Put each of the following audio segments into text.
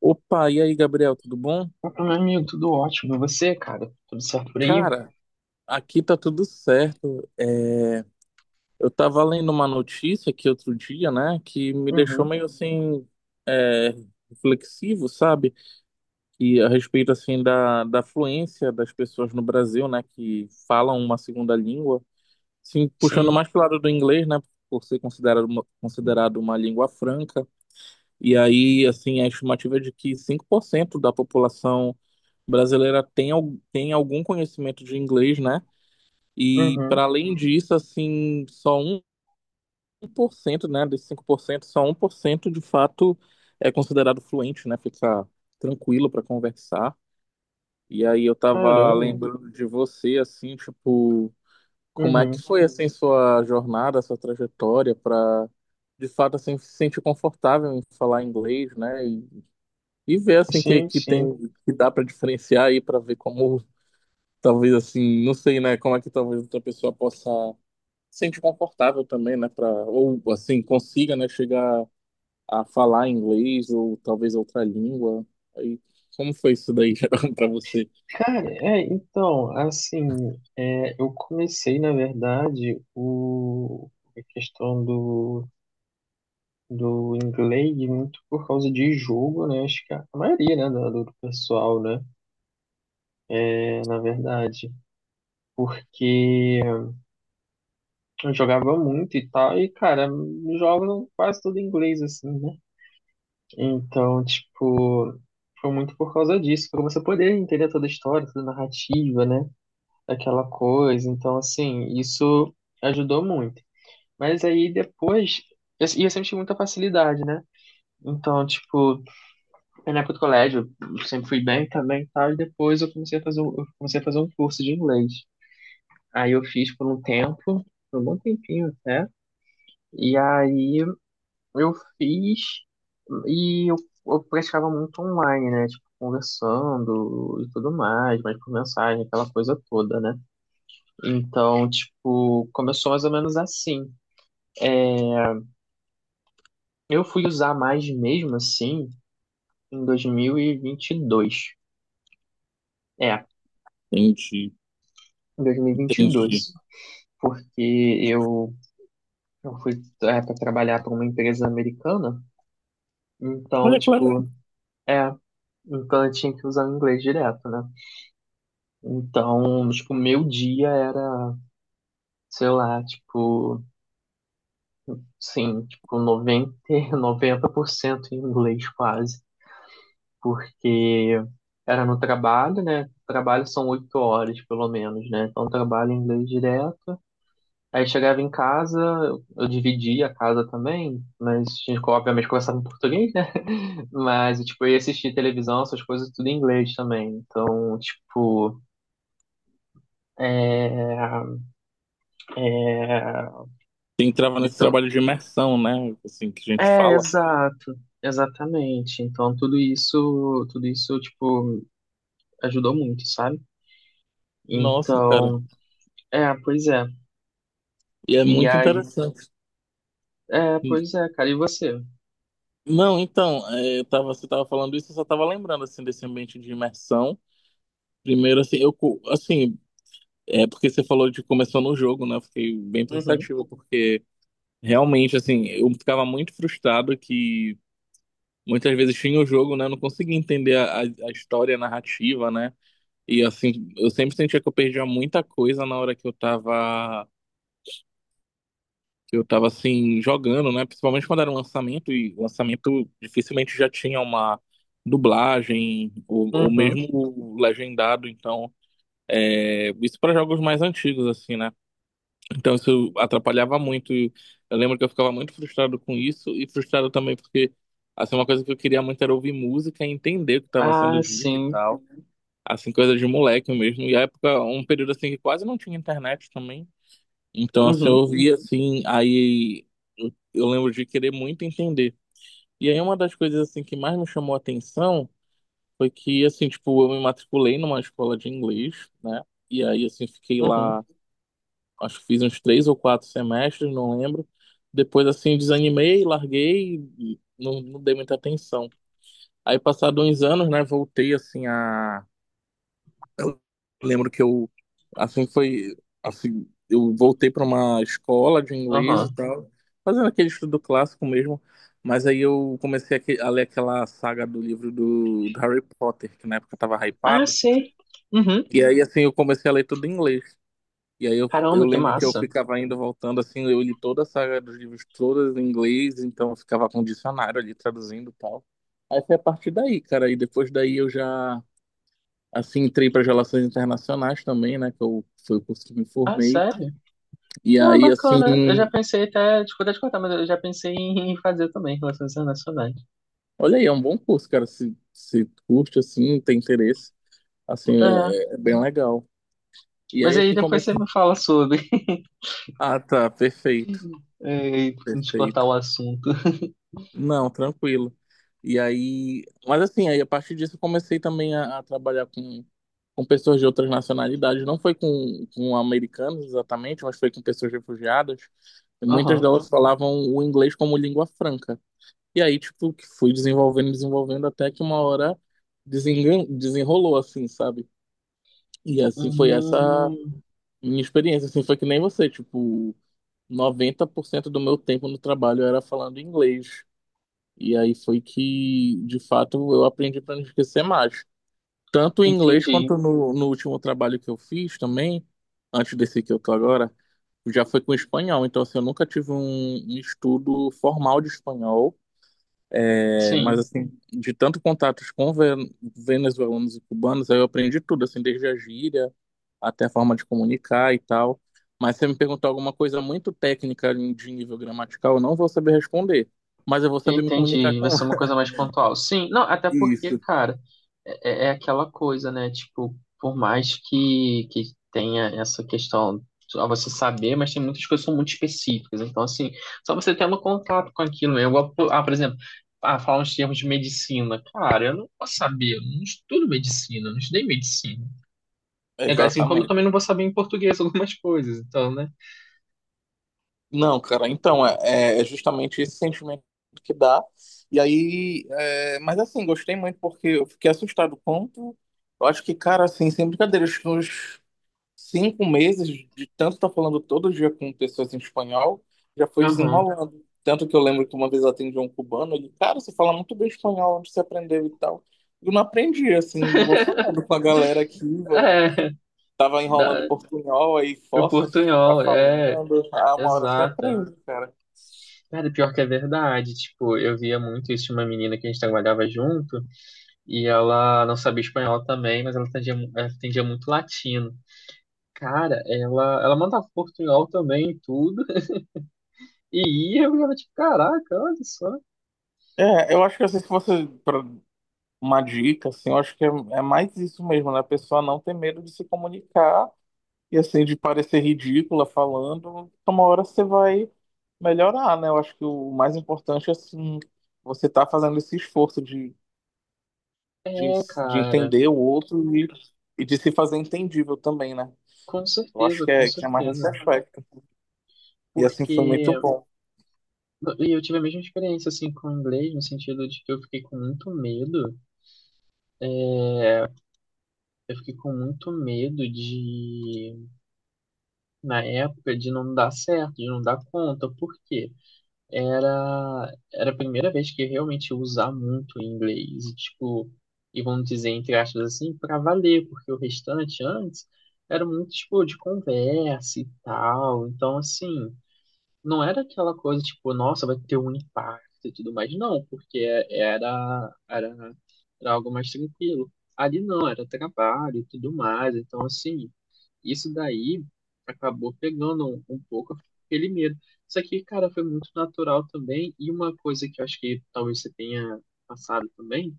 Opa, e aí, Gabriel, tudo bom? Opa, meu amigo, tudo ótimo. E você, cara? Tudo certo por aí? Cara, aqui tá tudo certo. É, eu tava lendo uma notícia aqui outro dia, né, que me deixou Uhum, meio assim, é, reflexivo, sabe? E a respeito, assim, da fluência das pessoas no Brasil, né, que falam uma segunda língua. Assim, puxando sim. mais pro lado do inglês, né, por ser considerado uma língua franca. E aí, assim, a estimativa é de que 5% da população brasileira tem algum conhecimento de inglês, né? E Uhum. para além disso, assim, só 1%, né, desses 5% só 1% de fato é considerado fluente, né? Fica tranquilo para conversar. E aí eu tava Caramba. lembrando de você, assim, tipo, como é que Uhum. foi assim sua jornada, sua trajetória para de fato assim se sentir confortável em falar inglês, né? E ver assim Sim, que sim. tem que dá para diferenciar aí para ver como. Talvez assim, não sei, né, como é que talvez outra pessoa possa se sentir confortável também, né, para ou assim consiga, né, chegar a falar inglês ou talvez outra língua. Aí, como foi isso daí, Geraldo, para você? Cara, é, então, assim, é, eu comecei, na verdade, a questão do inglês muito por causa de jogo, né? Acho que a maioria, né, do pessoal, né? É, na verdade, porque eu jogava muito e tal, e, cara, jogam quase tudo em inglês, assim, né? Então, tipo, foi muito por causa disso, para você poder entender toda a história, toda a narrativa, né? Aquela coisa. Então, assim, isso ajudou muito. Mas aí depois, e eu sempre tive muita facilidade, né? Então, tipo, na época do colégio, eu sempre fui bem também e tal, e depois eu comecei a fazer um curso de inglês. Aí eu fiz por um tempo, por um bom tempinho até, e aí Eu fiz e eu praticava muito online, né? Tipo, conversando e tudo mais, mas por mensagem, aquela coisa toda, né? Então, tipo, começou mais ou menos assim. Eu fui usar mais mesmo assim em dois mil e vinte e dois. É, Entendi, em dois mil e vinte e entendi. dois. Porque eu, eu fui para trabalhar para uma empresa americana. Então, Olha que legal. tipo, é. Então eu tinha que usar o inglês direto, né? Então, tipo, meu dia era sei lá, tipo, sim, tipo noventa 90% em inglês quase, porque era no trabalho, né? Trabalho são 8 horas, pelo menos, né? Então, trabalho em inglês direto. Aí chegava em casa, eu dividia a casa também, mas a gente, obviamente, conversava em português, né? Mas, tipo, eu ia assistir televisão, essas coisas tudo em inglês também. Então, tipo, é... Você entrava nesse Então, trabalho de imersão, né, assim que a gente é, fala. exato, exatamente. Então tudo isso tipo ajudou muito, sabe? Nossa, cara, Então, é, pois é. e é E muito aí, interessante. é, pois é, cara. E você? Não, então, você tava falando isso, eu só tava lembrando assim desse ambiente de imersão. Primeiro, assim, é porque você falou de começou no jogo, né? Eu fiquei bem Uhum, pensativo, porque realmente, assim, eu ficava muito frustrado que muitas vezes tinha o jogo, né? Eu não conseguia entender a história, a narrativa, né? E assim, eu sempre sentia que eu perdia muita coisa na hora que eu tava assim, jogando, né? Principalmente quando era um lançamento, e o lançamento dificilmente já tinha uma dublagem, ou uhum. mesmo legendado, então, isso para jogos mais antigos, assim, né? Então isso atrapalhava muito. Eu lembro que eu ficava muito frustrado com isso e frustrado também porque assim uma coisa que eu queria muito era ouvir música e entender o que estava Ah, sendo dito e sim. tal, assim coisa de moleque mesmo. E a época, um período assim que quase não tinha internet também. Então assim eu Uhum, ouvia assim, aí eu lembro de querer muito entender. E aí uma das coisas assim que mais me chamou a atenção foi que assim, tipo, eu me matriculei numa escola de inglês, né? E aí assim fiquei uhum, lá, acho que fiz uns 3 ou 4 semestres, não lembro. Depois, assim, desanimei, larguei e não dei muita atenção. Aí, passado uns anos, né, voltei, assim, a... Eu lembro que eu, assim, foi... Assim, eu voltei para uma escola de inglês e aham. tal, fazendo aquele estudo clássico mesmo. Mas aí eu comecei a ler aquela saga do livro do Harry Potter, que na época eu tava Ah, hypado. sei. Uhum. E aí, assim, eu comecei a ler tudo em inglês. E aí eu Caramba, que lembro que eu massa. ficava indo voltando, assim, eu li toda a saga dos livros, todas em inglês, então eu ficava com o dicionário ali traduzindo e tal. Aí foi a partir daí, cara, e depois daí eu já, assim, entrei para relações internacionais também, né, que eu, foi o curso que me Ah, formei. sério? E Pô, aí, bacana. Eu já assim, pensei até, desculpa te cortar, mas eu já pensei em fazer também relações internacionais. olha aí, é um bom curso, cara, se curte, assim, tem interesse, assim, É, é bem legal. E mas aí, aí assim, depois você comecei... me fala sobre, Ah, tá, perfeito, é, e pra gente cortar o perfeito. assunto. Não, tranquilo. E aí, mas assim, aí a partir disso eu comecei também a trabalhar com pessoas de outras nacionalidades. Não foi com americanos exatamente, mas foi com pessoas refugiadas. E muitas Aham. delas falavam o inglês como língua franca. E aí, tipo, que fui desenvolvendo, desenvolvendo até que uma hora desenrolou, assim, sabe? E assim foi essa Hum, minha experiência. Assim, foi que nem você, tipo, 90% do meu tempo no trabalho era falando inglês. E aí foi que, de fato, eu aprendi para não esquecer mais. Tanto em inglês entendi. quanto no último trabalho que eu fiz também, antes desse que eu tô agora, já foi com espanhol. Então, assim, eu nunca tive um estudo formal de espanhol. É, mas, Sim, assim, de tanto contatos com venezuelanos e cubanos, aí eu aprendi tudo, assim, desde a gíria até a forma de comunicar e tal. Mas se você me perguntar alguma coisa muito técnica de nível gramatical, eu não vou saber responder. Mas eu vou saber me comunicar entendi. com Vai ser uma coisa mais pontual. Sim, não, até porque, isso. cara, é, é aquela coisa, né? Tipo, por mais que tenha essa questão a você saber, mas tem muitas coisas que são muito específicas. Então, assim, só você tendo contato com aquilo, né? Igual, ah, por exemplo, ah, falar uns termos de medicina. Cara, eu não posso saber, eu não estudo medicina, eu não estudei medicina. É, assim como eu Exatamente. também não vou saber em português algumas coisas, então, né? Não, cara, então é, é justamente esse sentimento que dá. E aí, mas assim, gostei muito porque eu fiquei assustado quanto. Eu acho que, cara, assim, sem brincadeira, acho que uns 5 meses de tanto estar falando todo dia com pessoas em espanhol, já foi Aham. desenrolando. Tanto que eu lembro que uma vez eu atendi um cubano, ele, cara, você fala muito bem espanhol, onde você aprendeu e tal. Eu não aprendi, assim, vou falando com a galera aqui. É. Tava enrolando Dá. portunhol, aí O força a ficar portunhol, é, falando. Ah, uma hora você exata. aprende, cara. Cara, pior que é verdade. Tipo, eu via muito isso de uma menina que a gente trabalhava junto e ela não sabia espanhol também, mas ela entendia, ela entendia muito latino. Cara, ela mandava portunhol também e tudo. E ia, eu era tipo, caraca, olha só. É, eu acho que assim, se fosse pra uma dica, assim, eu acho que é mais isso mesmo, né? A pessoa não ter medo de se comunicar e, assim, de parecer ridícula falando. Então, uma hora você vai melhorar, né? Eu acho que o mais importante é, assim, você tá fazendo esse esforço de, É, de cara, entender o outro e de se fazer entendível também, né? com Eu acho certeza, com que é mais nesse certeza. aspecto. E, assim, Porque foi muito bom. e eu tive a mesma experiência, assim, com o inglês, no sentido de que eu fiquei com muito medo. Eu fiquei com muito medo de na época de não dar certo, de não dar conta, porque era a primeira vez que eu realmente ia usar muito o inglês, e, tipo, e vamos dizer, entre aspas, assim, para valer, porque o restante antes era muito, tipo, de conversa e tal, então, assim, não era aquela coisa, tipo, nossa, vai ter um impacto e tudo mais, não, porque era, era, era algo mais tranquilo. Ali não, era trabalho e tudo mais, então, assim, isso daí acabou pegando um pouco aquele medo. Isso aqui, cara, foi muito natural também. E uma coisa que eu acho que talvez você tenha passado também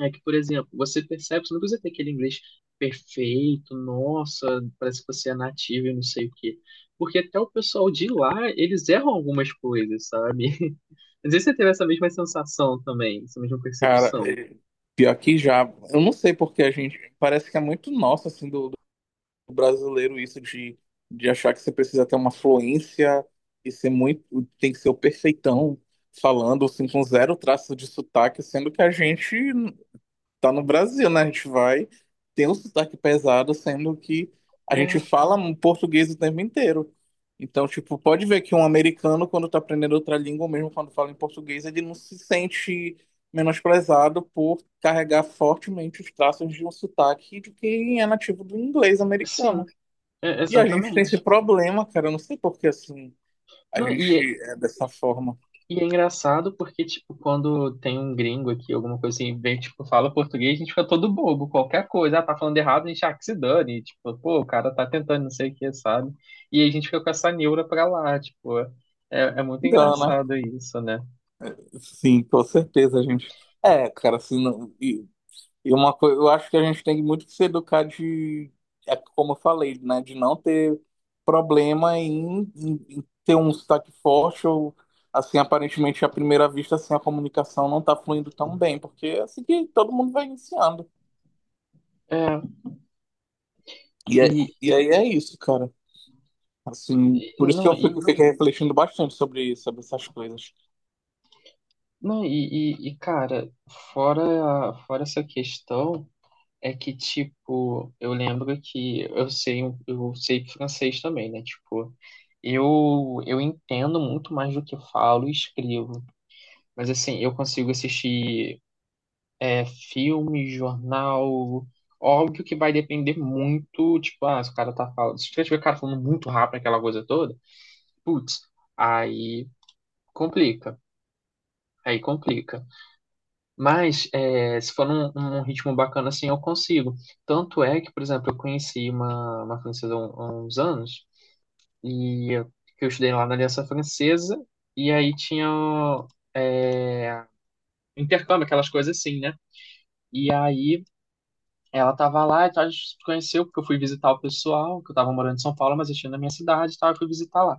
é que, por exemplo, você percebe, você não precisa ter aquele inglês perfeito, nossa, parece que você é nativo e não sei o quê. Porque até o pessoal de lá, eles erram algumas coisas, sabe? Às vezes você teve essa mesma sensação também, essa mesma Cara, percepção. Pior que já. Eu não sei porque a gente. Parece que é muito nosso, assim, do brasileiro, isso de, achar que você precisa ter uma fluência e ser muito. Tem que ser o perfeitão falando, assim, com zero traço de sotaque, sendo que a gente tá no Brasil, né? A gente vai, tem um sotaque pesado, sendo que a É, gente fala um português o tempo inteiro. Então, tipo, pode ver que um americano, quando tá aprendendo outra língua, ou mesmo quando fala em português, ele não se sente menosprezado por carregar fortemente os traços de um sotaque de quem é nativo do inglês americano. sim, é, E a gente tem esse exatamente. problema, cara, eu não sei por que assim a Não, e gente é dessa forma. E é engraçado porque, tipo, quando tem um gringo aqui, alguma coisa assim, vem, tipo, fala português, a gente fica todo bobo, qualquer coisa, ah, tá falando errado, a gente, ah, que se dane, tipo, pô, o cara tá tentando, não sei o que, sabe? E a gente fica com essa neura pra lá, tipo, é, é muito Engana. engraçado isso, né? Sim, com certeza, gente. É, cara, assim, E uma coisa, eu acho que a gente tem muito que se educar de, é como eu falei, né, de não ter problema em ter um sotaque forte ou assim, aparentemente à primeira vista, assim, a comunicação não tá fluindo tão bem, porque é assim que todo mundo vai iniciando. É, E, é- e, e aí é isso, cara. Assim, por isso que não, eu fico, fiquei refletindo bastante sobre essas coisas. não, e, cara, fora essa questão, é que, tipo, eu lembro que eu sei francês também, né? Tipo, eu entendo muito mais do que falo e escrevo. Mas, assim, eu consigo assistir é, filme, jornal. Óbvio que vai depender muito, tipo, ah, se o cara tá falando. Se tiver o cara falando muito rápido aquela coisa toda, putz, aí complica. Aí complica. Mas é, se for num ritmo bacana assim, eu consigo. Tanto é que, por exemplo, eu conheci uma francesa há uns anos, e eu, que eu estudei lá na Aliança Francesa, e aí tinha é, intercâmbio, aquelas coisas assim, né? E aí ela tava lá, e tal, a gente se conheceu, porque eu fui visitar o pessoal, que eu tava morando em São Paulo, mas eu tinha na minha cidade e tal, eu fui visitar lá.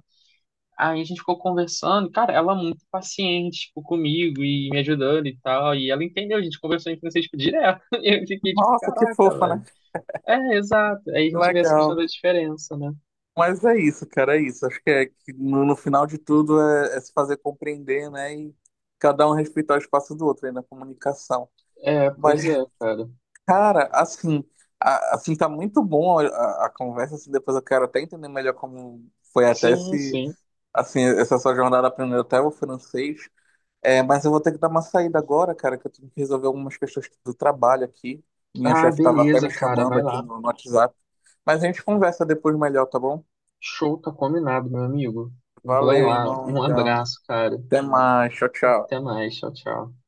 Aí a gente ficou conversando, cara, ela é muito paciente, tipo, comigo e me ajudando e tal, e ela entendeu, a gente conversou em francês, tipo, direto, e eu fiquei, tipo, Nossa, que caraca, fofa, velho. né? É, exato, aí a Que gente vê essa questão legal. da diferença, né? Mas é isso, cara, é isso. Acho que, que no final de tudo é se fazer compreender, né? E cada um respeitar o espaço do outro aí na comunicação. É, Mas, pois é, cara. cara, assim, assim tá muito bom a conversa. Assim, depois eu quero até entender melhor como foi até Sim, esse, sim. assim, essa sua jornada aprendendo até o francês. É, mas eu vou ter que dar uma saída agora, cara, que eu tenho que resolver algumas questões do trabalho aqui. Minha Ah, chefe estava até beleza, me cara, chamando vai lá. aqui no WhatsApp. Mas a gente conversa depois melhor, tá bom? Show, tá combinado, meu amigo. Vai Valeu, lá, irmão. um Então, abraço, cara. até mais. Tchau, tchau. Até mais, tchau, tchau.